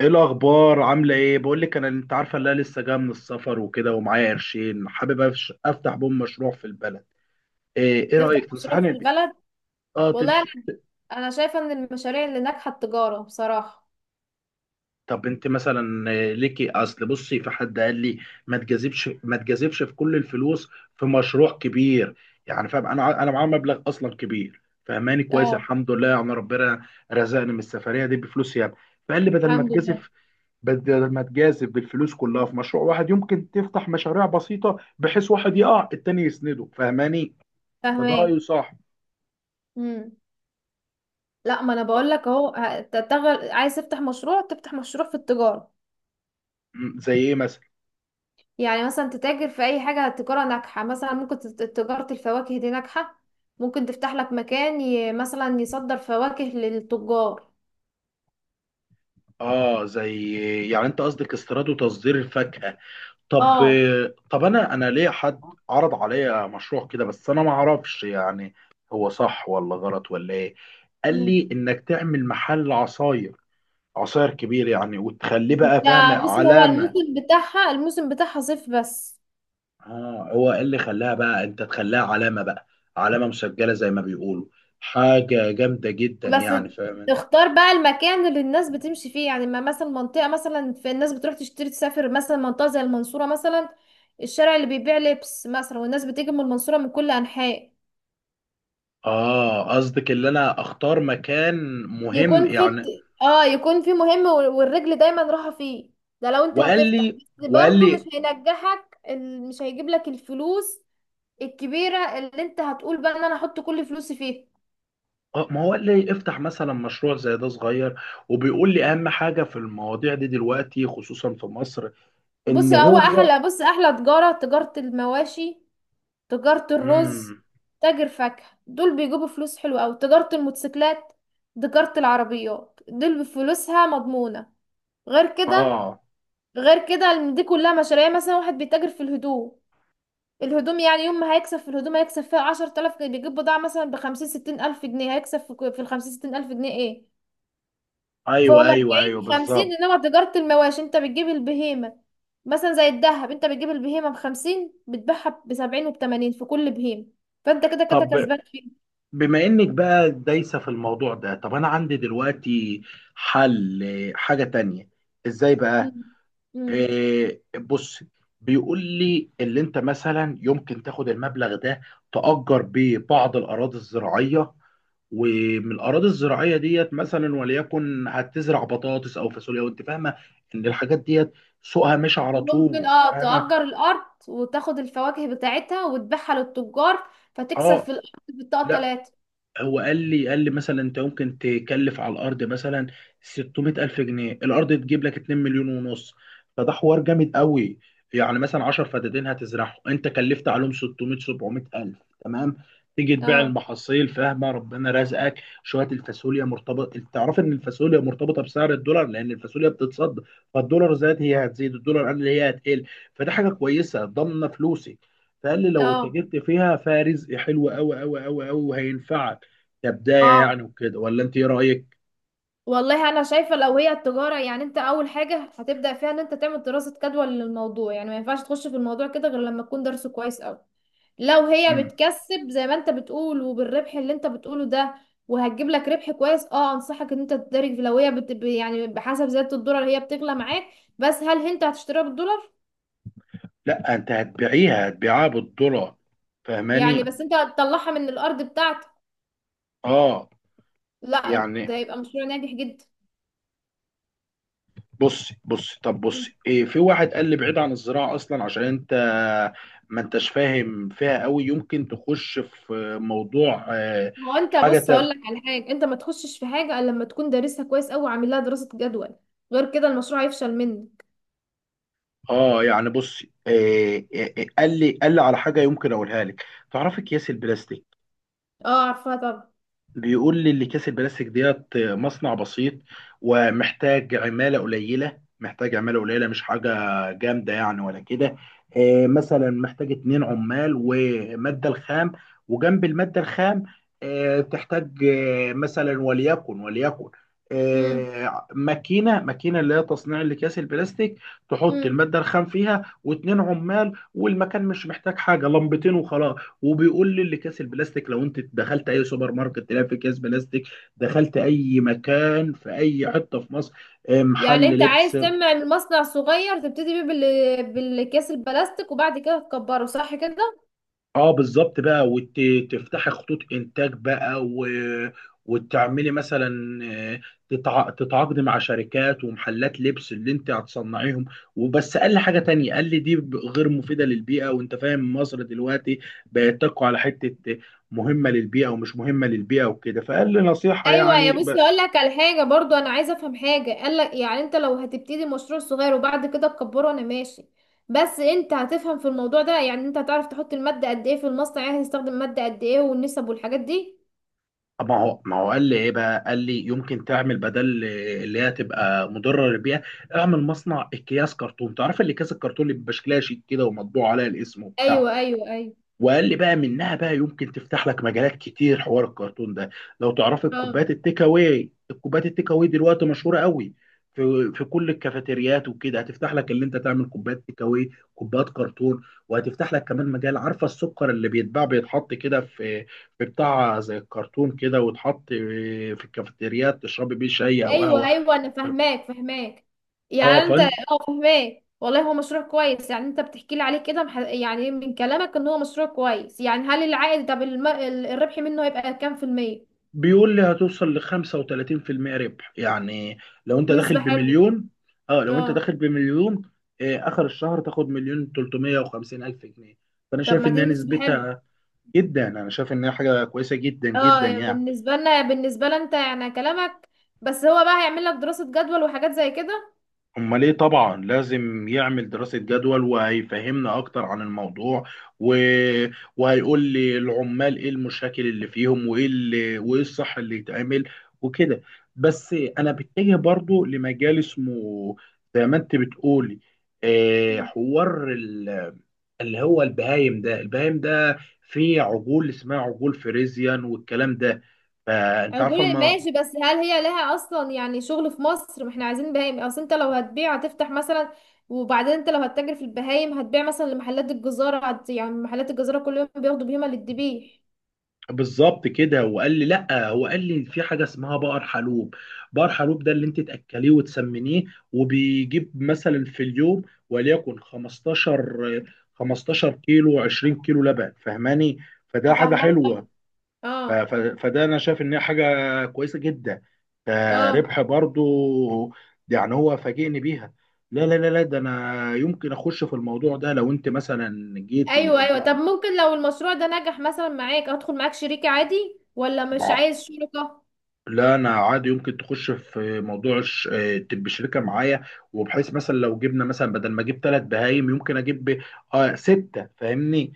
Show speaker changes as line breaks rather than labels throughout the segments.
ايه الاخبار؟ عامله ايه؟ بقول لك انا، انت عارفه ان انا لسه جايه من السفر وكده، ومعايا قرشين حابب افتح بوم مشروع في البلد. ايه ايه
تفتح
رايك؟
مشروع
تنصحني
في البلد.
اه
والله انا شايفه ان المشاريع اللي ناجحه التجاره بصراحه.
طب انت مثلا، ليكي اصل، بصي، في حد قال لي ما تجازفش في كل الفلوس في مشروع كبير. يعني فاهم، انا معايا مبلغ اصلا كبير، فهماني كويس،
اه،
الحمد لله، يعني ربنا رزقني من السفريه دي بفلوس يعني. فقال لي بدل ما
الحمد لله.
تجازف بدل ما تجازف بالفلوس كلها في مشروع واحد، يمكن تفتح مشاريع بسيطة بحيث واحد يقع التاني يسنده، فاهماني؟ فده
فاهماه.
رأيه صح.
امم. لا، ما انا
طب،
بقول لك اهو. عايز تفتح مشروع في التجاره.
زي ايه مثلا؟
يعني مثلا تتاجر في اي حاجه تجاره ناجحه، مثلا ممكن تجاره الفواكه دي ناجحه. ممكن تفتح لك مكان مثلا يصدر فواكه للتجار.
اه زي، يعني انت قصدك استيراد وتصدير الفاكهة؟ طب،
اه.
طب انا ليه حد عرض عليا مشروع كده، بس انا ما اعرفش يعني هو صح ولا غلط ولا ايه. قال
امم.
لي انك تعمل محل عصاير، عصاير كبير يعني، وتخليه بقى
ده
فاهم؟
بص، هو
علامة.
الموسم بتاعها صيف بس.
اه، هو إيه اللي خلاها بقى انت تخليها علامة بقى؟ علامة مسجلة زي ما بيقولوا، حاجة جامدة جدا
بس
يعني، فاهم؟
تختار بقى المكان اللي الناس بتمشي فيه، يعني ما مثلا منطقة، مثلا في الناس بتروح تشتري تسافر، مثلا منطقة زي المنصورة. مثلا الشارع اللي بيبيع لبس، مثلا والناس بتيجي من المنصورة من كل أنحاء.
اه قصدك اللي انا اختار مكان مهم
يكون في
يعني.
اه يكون في مهم، والرجل دايما راحة فيه. ده لو انت
وقال
هتفتح
لي
بس
وقال
برضو مش
لي
هينجحك، مش هيجيب لك الفلوس الكبيرة اللي انت هتقول بقى ان انا احط كل فلوسي فيها.
ما هو قال لي افتح مثلا مشروع زي ده صغير، وبيقول لي اهم حاجة في المواضيع دي دلوقتي خصوصا في مصر ان هو.
بص احلى تجارة المواشي. تجارة الرز.
امم.
تاجر فاكهة دول بيجيبوا فلوس حلوة أوي. تجارة الموتوسيكلات. تجارة العربيات دول بفلوسها مضمونة. غير كده،
اه.
إن دي كلها مشاريع. يعني مثلا واحد بيتاجر في الهدوم، الهدوم، يعني يوم ما هيكسب في الهدوم هيكسب فيها 10 آلاف جنيه. بيجيب بضاعة مثلا بخمسين ستين ألف جنيه، هيكسب في الخمسين ستين ألف جنيه ايه، فوق
ايوه ايوه
أربعين
ايوه
خمسين.
بالظبط.
إنما تجارة المواشي أنت بتجيب البهيمة، مثلا زي الدهب. أنت بتجيب البهيمة بخمسين بتبيعها بسبعين وبتمانين في كل بهيمة، فأنت كده كده
طب
كسبان.
بما انك بقى دايسة في الموضوع ده، طب انا عندي دلوقتي حل، حاجة تانية. ازاي بقى؟
مم. مم.
بص، بيقول لي اللي انت مثلا يمكن تاخد المبلغ ده، تأجر بيه بعض الاراضي الزراعية، ومن الاراضي الزراعية ديت مثلا، وليكن هتزرع بطاطس او فاصوليا، وانت فاهمة ان الحاجات ديت سوقها مش على
ممكن،
طول، فاهمة؟
تأجر الأرض وتاخد الفواكه بتاعتها وتبيعها للتجار فتكسب في
اه
الأرض بالطاقة
لا،
تلاتة.
هو قال لي، قال لي مثلا انت ممكن تكلف على الارض مثلا 600 الف جنيه، الارض تجيب لك 2 مليون ونص. فده حوار جامد قوي. يعني مثلا 10 فدادين هتزرعهم، انت كلفت عليهم 600 700 الف، تمام، تيجي تبيع
اه،
المحاصيل، فاهمه، ربنا رزقك. شويه الفاصوليا مرتبط، انت تعرف ان الفاصوليا مرتبطه بسعر الدولار لان الفاصوليا بتتصدر. فالدولار زاد هي هتزيد، الدولار قل هي هتقل. فده حاجه كويسه، ضامنه فلوسك. فقال لي لو
اه،
اتجرت فيها، فيها رزق حلو قوي قوي قوي قوي، وهينفعك كبداية
اه،
يعني وكده. ولا انت ايه رأيك؟
والله أنا شايفة لو هي التجارة، يعني أنت أول حاجة هتبدأ فيها إن أنت تعمل دراسة جدوى للموضوع. يعني ما ينفعش تخش في الموضوع كده غير لما تكون درسه كويس أوي. لو هي
مم.
بتكسب زي ما أنت بتقول وبالربح اللي أنت بتقوله ده وهتجيب لك ربح كويس، انصحك ان انت تدرج. لو هي يعني بحسب زيادة الدولار هي بتغلى معاك. بس هل انت هتشتريها بالدولار؟
لا انت هتبيعيها، هتبيعها بالدولار،
يعني
فاهماني؟
بس انت هتطلعها من الارض بتاعتك.
اه
لا،
يعني.
ده هيبقى مشروع ناجح جدا.
بصي بصي، طب
مم.
بصي إيه، في واحد قال لي بعيد عن الزراعه اصلا عشان انت ما انتش فاهم فيها قوي، يمكن تخش في موضوع
هو انت
حاجه
بص هقول
تانية.
لك على حاجه، انت ما تخشش في حاجه الا لما تكون دارسها كويس قوي وعامل لها دراسه جدول. غير كده المشروع هيفشل منك.
اه يعني بصي، إيه إيه إيه، قال لي، قال لي على حاجه، يمكن اقولها لك. تعرفي اكياس البلاستيك؟
اه، عارفاها طبعا.
بيقول لي اللي كيس البلاستيك ديت مصنع بسيط، ومحتاج عمالة قليلة، مش حاجة جامدة يعني ولا كده. مثلا محتاج اتنين عمال، ومادة الخام، وجنب المادة الخام تحتاج مثلا، وليكن،
امم.
ماكينة اللي هي تصنيع الأكياس البلاستيك، تحط
امم.
المادة الخام فيها، واتنين عمال، والمكان مش محتاج حاجة، لمبتين وخلاص. وبيقول لي اللي كاس البلاستيك، لو انت دخلت اي سوبر ماركت تلاقي في كاس بلاستيك، دخلت اي مكان في اي حته في مصر، محل
يعني انت عايز
لبس.
تعمل مصنع صغير تبتدي بيه بالاكياس البلاستيك وبعد كده تكبره، صح كده؟
اه بالظبط بقى، وتفتحي خطوط انتاج بقى، و... وتعملي مثلا آه، تتعاقدي مع شركات ومحلات لبس اللي انت هتصنعيهم. وبس قال لي حاجه تانية، قال لي دي غير مفيده للبيئه، وانت فاهم مصر دلوقتي بقت تقع على حته مهمه للبيئه ومش مهمه للبيئه وكده، فقال لي نصيحه
ايوه يا،
يعني
بس اقول لك على حاجه برضو. انا عايزه افهم حاجه قال لك، يعني انت لو هتبتدي مشروع صغير وبعد كده تكبره انا ماشي، بس انت هتفهم في الموضوع ده؟ يعني انت هتعرف تحط الماده قد ايه في المصنع، يعني هتستخدم ماده قد ايه والنسب والحاجات دي.
طب ما هو، قال لي ايه بقى؟ قال لي يمكن تعمل بدل اللي هي تبقى مضره للبيئه، اعمل مصنع اكياس كرتون، تعرف اللي كاس الكرتون اللي بيبقى شكلها شيك كده ومطبوع عليها الاسم وبتاع؟
ايوه، ايوه، ايوه.
وقال لي بقى منها بقى يمكن تفتح لك مجالات كتير، حوار الكرتون ده لو تعرف،
اه.
الكوبايات التيك اواي، الكوبايات التيك اواي دلوقتي مشهوره قوي في في كل الكافيتريات وكده، هتفتح لك اللي انت تعمل كوبايات تيك اواي، كوبايات كرتون. وهتفتح لك كمان مجال، عارفه السكر اللي بيتباع بيتحط كده في في بتاع زي الكرتون كده، ويتحط في الكافيتريات تشربي بيه شاي او
ايوه،
قهوه.
ايوه، انا فاهماك فاهماك،
اه،
يعني انت، اه، فاهماك. والله هو مشروع كويس، يعني انت بتحكي لي عليه كده، يعني من كلامك ان هو مشروع كويس. يعني هل العائد، طب الربح منه هيبقى كام في المية؟
بيقول لي هتوصل ل 35% ربح يعني، لو انت داخل
نسبة حلوة.
بمليون. اه، لو انت
اه
داخل بمليون، آه اخر الشهر تاخد مليون 350 الف جنيه. فانا
طب
شايف
ما دي
انها
بالنسبة حلو.
نسبتها جدا، انا شايف انها حاجه كويسه جدا جدا
اه،
يعني.
بالنسبة لنا، انت يعني كلامك. بس هو بقى هيعمل لك دراسة جدول وحاجات زي كده.
امال ايه، طبعا لازم يعمل دراسة جدول، وهيفهمنا اكتر عن الموضوع، و... وهيقول لي العمال ايه المشاكل اللي فيهم، وايه الصح اللي يتعمل وكده. بس انا بتجه برضو لمجال اسمه، زي ما انت بتقولي، آه،
مم.
اللي هو البهايم. ده البهايم ده فيه عجول اسمها عجول فريزيان، والكلام ده فانت عارفه.
اقول ماشي، بس هل هي لها اصلا يعني شغل في مصر؟ ما احنا عايزين بهايم، اصل انت لو هتبيع هتفتح مثلا. وبعدين انت لو هتتاجر في البهايم هتبيع مثلا لمحلات الجزارة، يعني محلات الجزارة كل يوم بياخدوا بهيمة للذبيح.
بالظبط كده، وقال لي لا، هو قال لي في حاجه اسمها بقر حلوب، بقر حلوب ده اللي انت تاكليه وتسمنيه، وبيجيب مثلا في اليوم وليكن 15، 15 كيلو 20 كيلو لبن، فاهماني؟ فده حاجه
افهمك طبعا.
حلوه. ف-
اه،
ف- فده انا شايف ان هي حاجه كويسه جدا،
اه،
فربح برضو يعني، هو فاجئني بيها. لا لا لا لا، ده انا يمكن اخش في الموضوع ده، لو انت مثلا جيتي
ايوه، ايوه.
البقر.
طب ممكن لو المشروع ده نجح مثلا معاك ادخل معاك شريك عادي، ولا مش عايز شركة؟
لا انا عادي، يمكن تخش في موضوع تبقى شركه معايا، وبحيث مثلا لو جبنا مثلا بدل ما اجيب ثلاث بهايم، يمكن اجيب اه سته، فاهمني؟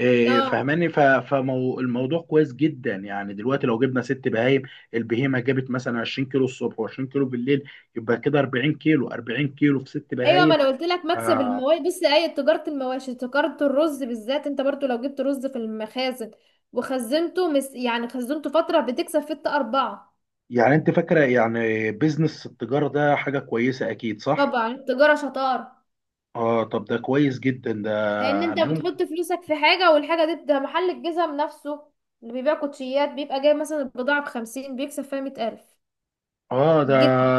اه،
فاهماني، فالموضوع كويس جدا يعني. دلوقتي لو جبنا ست بهايم، البهيمه جابت مثلا 20 كيلو الصبح و20 كيلو بالليل، يبقى كده 40 كيلو، 40 كيلو في ست
ايوه، ما
بهايم،
انا قلت لك مكسب
آه.
المواشي. بص، اي تجاره المواشي تجاره الرز بالذات. انت برضو لو جبت رز في المخازن وخزنته، يعني خزنته فتره بتكسب في اربعه.
يعني انت فاكره يعني بيزنس التجاره ده حاجه كويسه اكيد، صح؟
طبعا التجاره شطاره،
اه طب ده كويس جدا ده
لان انت
يعني.
بتحط فلوسك في حاجه، والحاجه دي، ده محل الجزم نفسه اللي بيبيع كوتشيات بيبقى جايب مثلا البضاعه بخمسين بيكسب فيها 100 ألف.
اه ده،
الجزم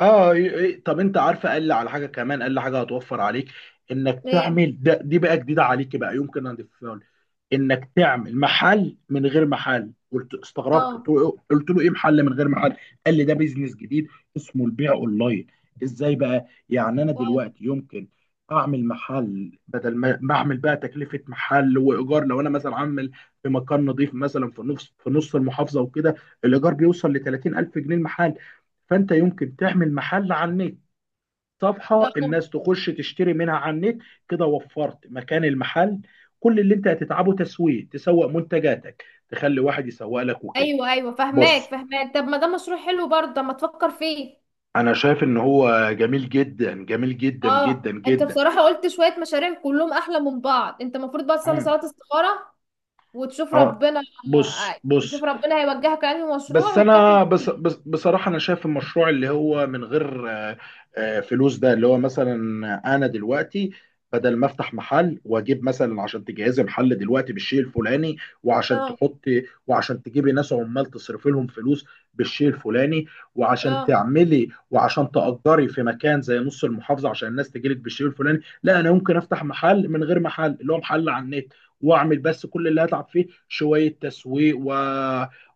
اه، إيه. طب انت عارفه قال لي على حاجه كمان، قال لي حاجه هتوفر عليك، انك
ايه.
تعمل ده، دي بقى جديده عليك بقى، يمكن اضيفها لك. انك تعمل محل من غير محل. قلت استغربت، قلت
اه،
له، قلت له ايه محل من غير محل؟ قال لي ده بيزنس جديد اسمه البيع اونلاين. ازاي بقى يعني؟ انا
اه.
دلوقتي يمكن اعمل محل، بدل ما اعمل بقى تكلفه محل وايجار، لو انا مثلا عامل في مكان نظيف مثلا في نص، المحافظه وكده، الايجار بيوصل ل 30,000 جنيه المحل، فانت يمكن تعمل محل على النت،
آه.
صفحه
آه.
الناس تخش تشتري منها على النت، كده وفرت مكان المحل. كل اللي انت هتتعبه تسويق، تسوق منتجاتك، تخلي واحد يسوق لك وكده.
ايوه، ايوه، فهماك
بص،
فهماك. طب ما ده مشروع حلو برضه، طب ما تفكر فيه.
انا شايف ان هو جميل جدا، جميل جدا جدا
اه، انت
جدا.
بصراحة قلت شوية مشاريع كلهم احلى من بعض. انت المفروض بقى تصلي
اه.
صلاة استخارة وتشوف
آه.
ربنا.
بص
آه،
بص،
تشوف ربنا هيوجهك لأنهي مشروع
بس
وتكمل
انا بس
فيه.
بس بصراحه انا شايف المشروع اللي هو من غير فلوس، ده اللي هو مثلا انا دلوقتي بدل ما افتح محل، واجيب مثلا عشان تجهزي محل دلوقتي بالشيء الفلاني، وعشان
اه،
تحطي، وعشان تجيبي ناس عمال تصرفي لهم فلوس بالشيء الفلاني، وعشان
اه،
تعملي، وعشان تأجري في مكان زي نص المحافظة عشان الناس تجيلك بالشيء الفلاني، لا انا ممكن افتح محل من غير محل، اللي هو محل على النت، واعمل بس كل اللي هتعب فيه شوية تسويق، و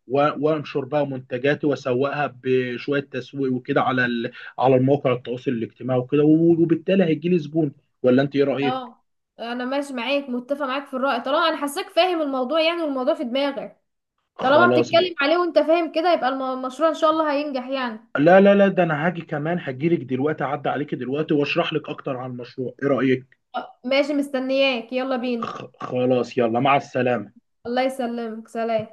و- وانشر بقى منتجاتي واسوقها بشويه تسويق وكده على على المواقع التواصل الاجتماعي وكده، وبالتالي هيجي لي زبون. ولا انت ايه رايك؟
اه، انا ماشي معاك متفق معاك في الرأي. طالما انا حاساك فاهم الموضوع، يعني والموضوع في دماغك، طالما
خلاص بقى.
بتتكلم عليه وانت فاهم كده، يبقى المشروع ان شاء الله هينجح يعني.
لا لا لا، ده انا هاجي كمان، هجيلك دلوقتي، اعدي عليك دلوقتي واشرح لك اكتر عن المشروع، ايه رايك؟
آه، ماشي، مستنياك يلا بينا.
خلاص، يلا مع السلامه.
الله يسلمك، سلام.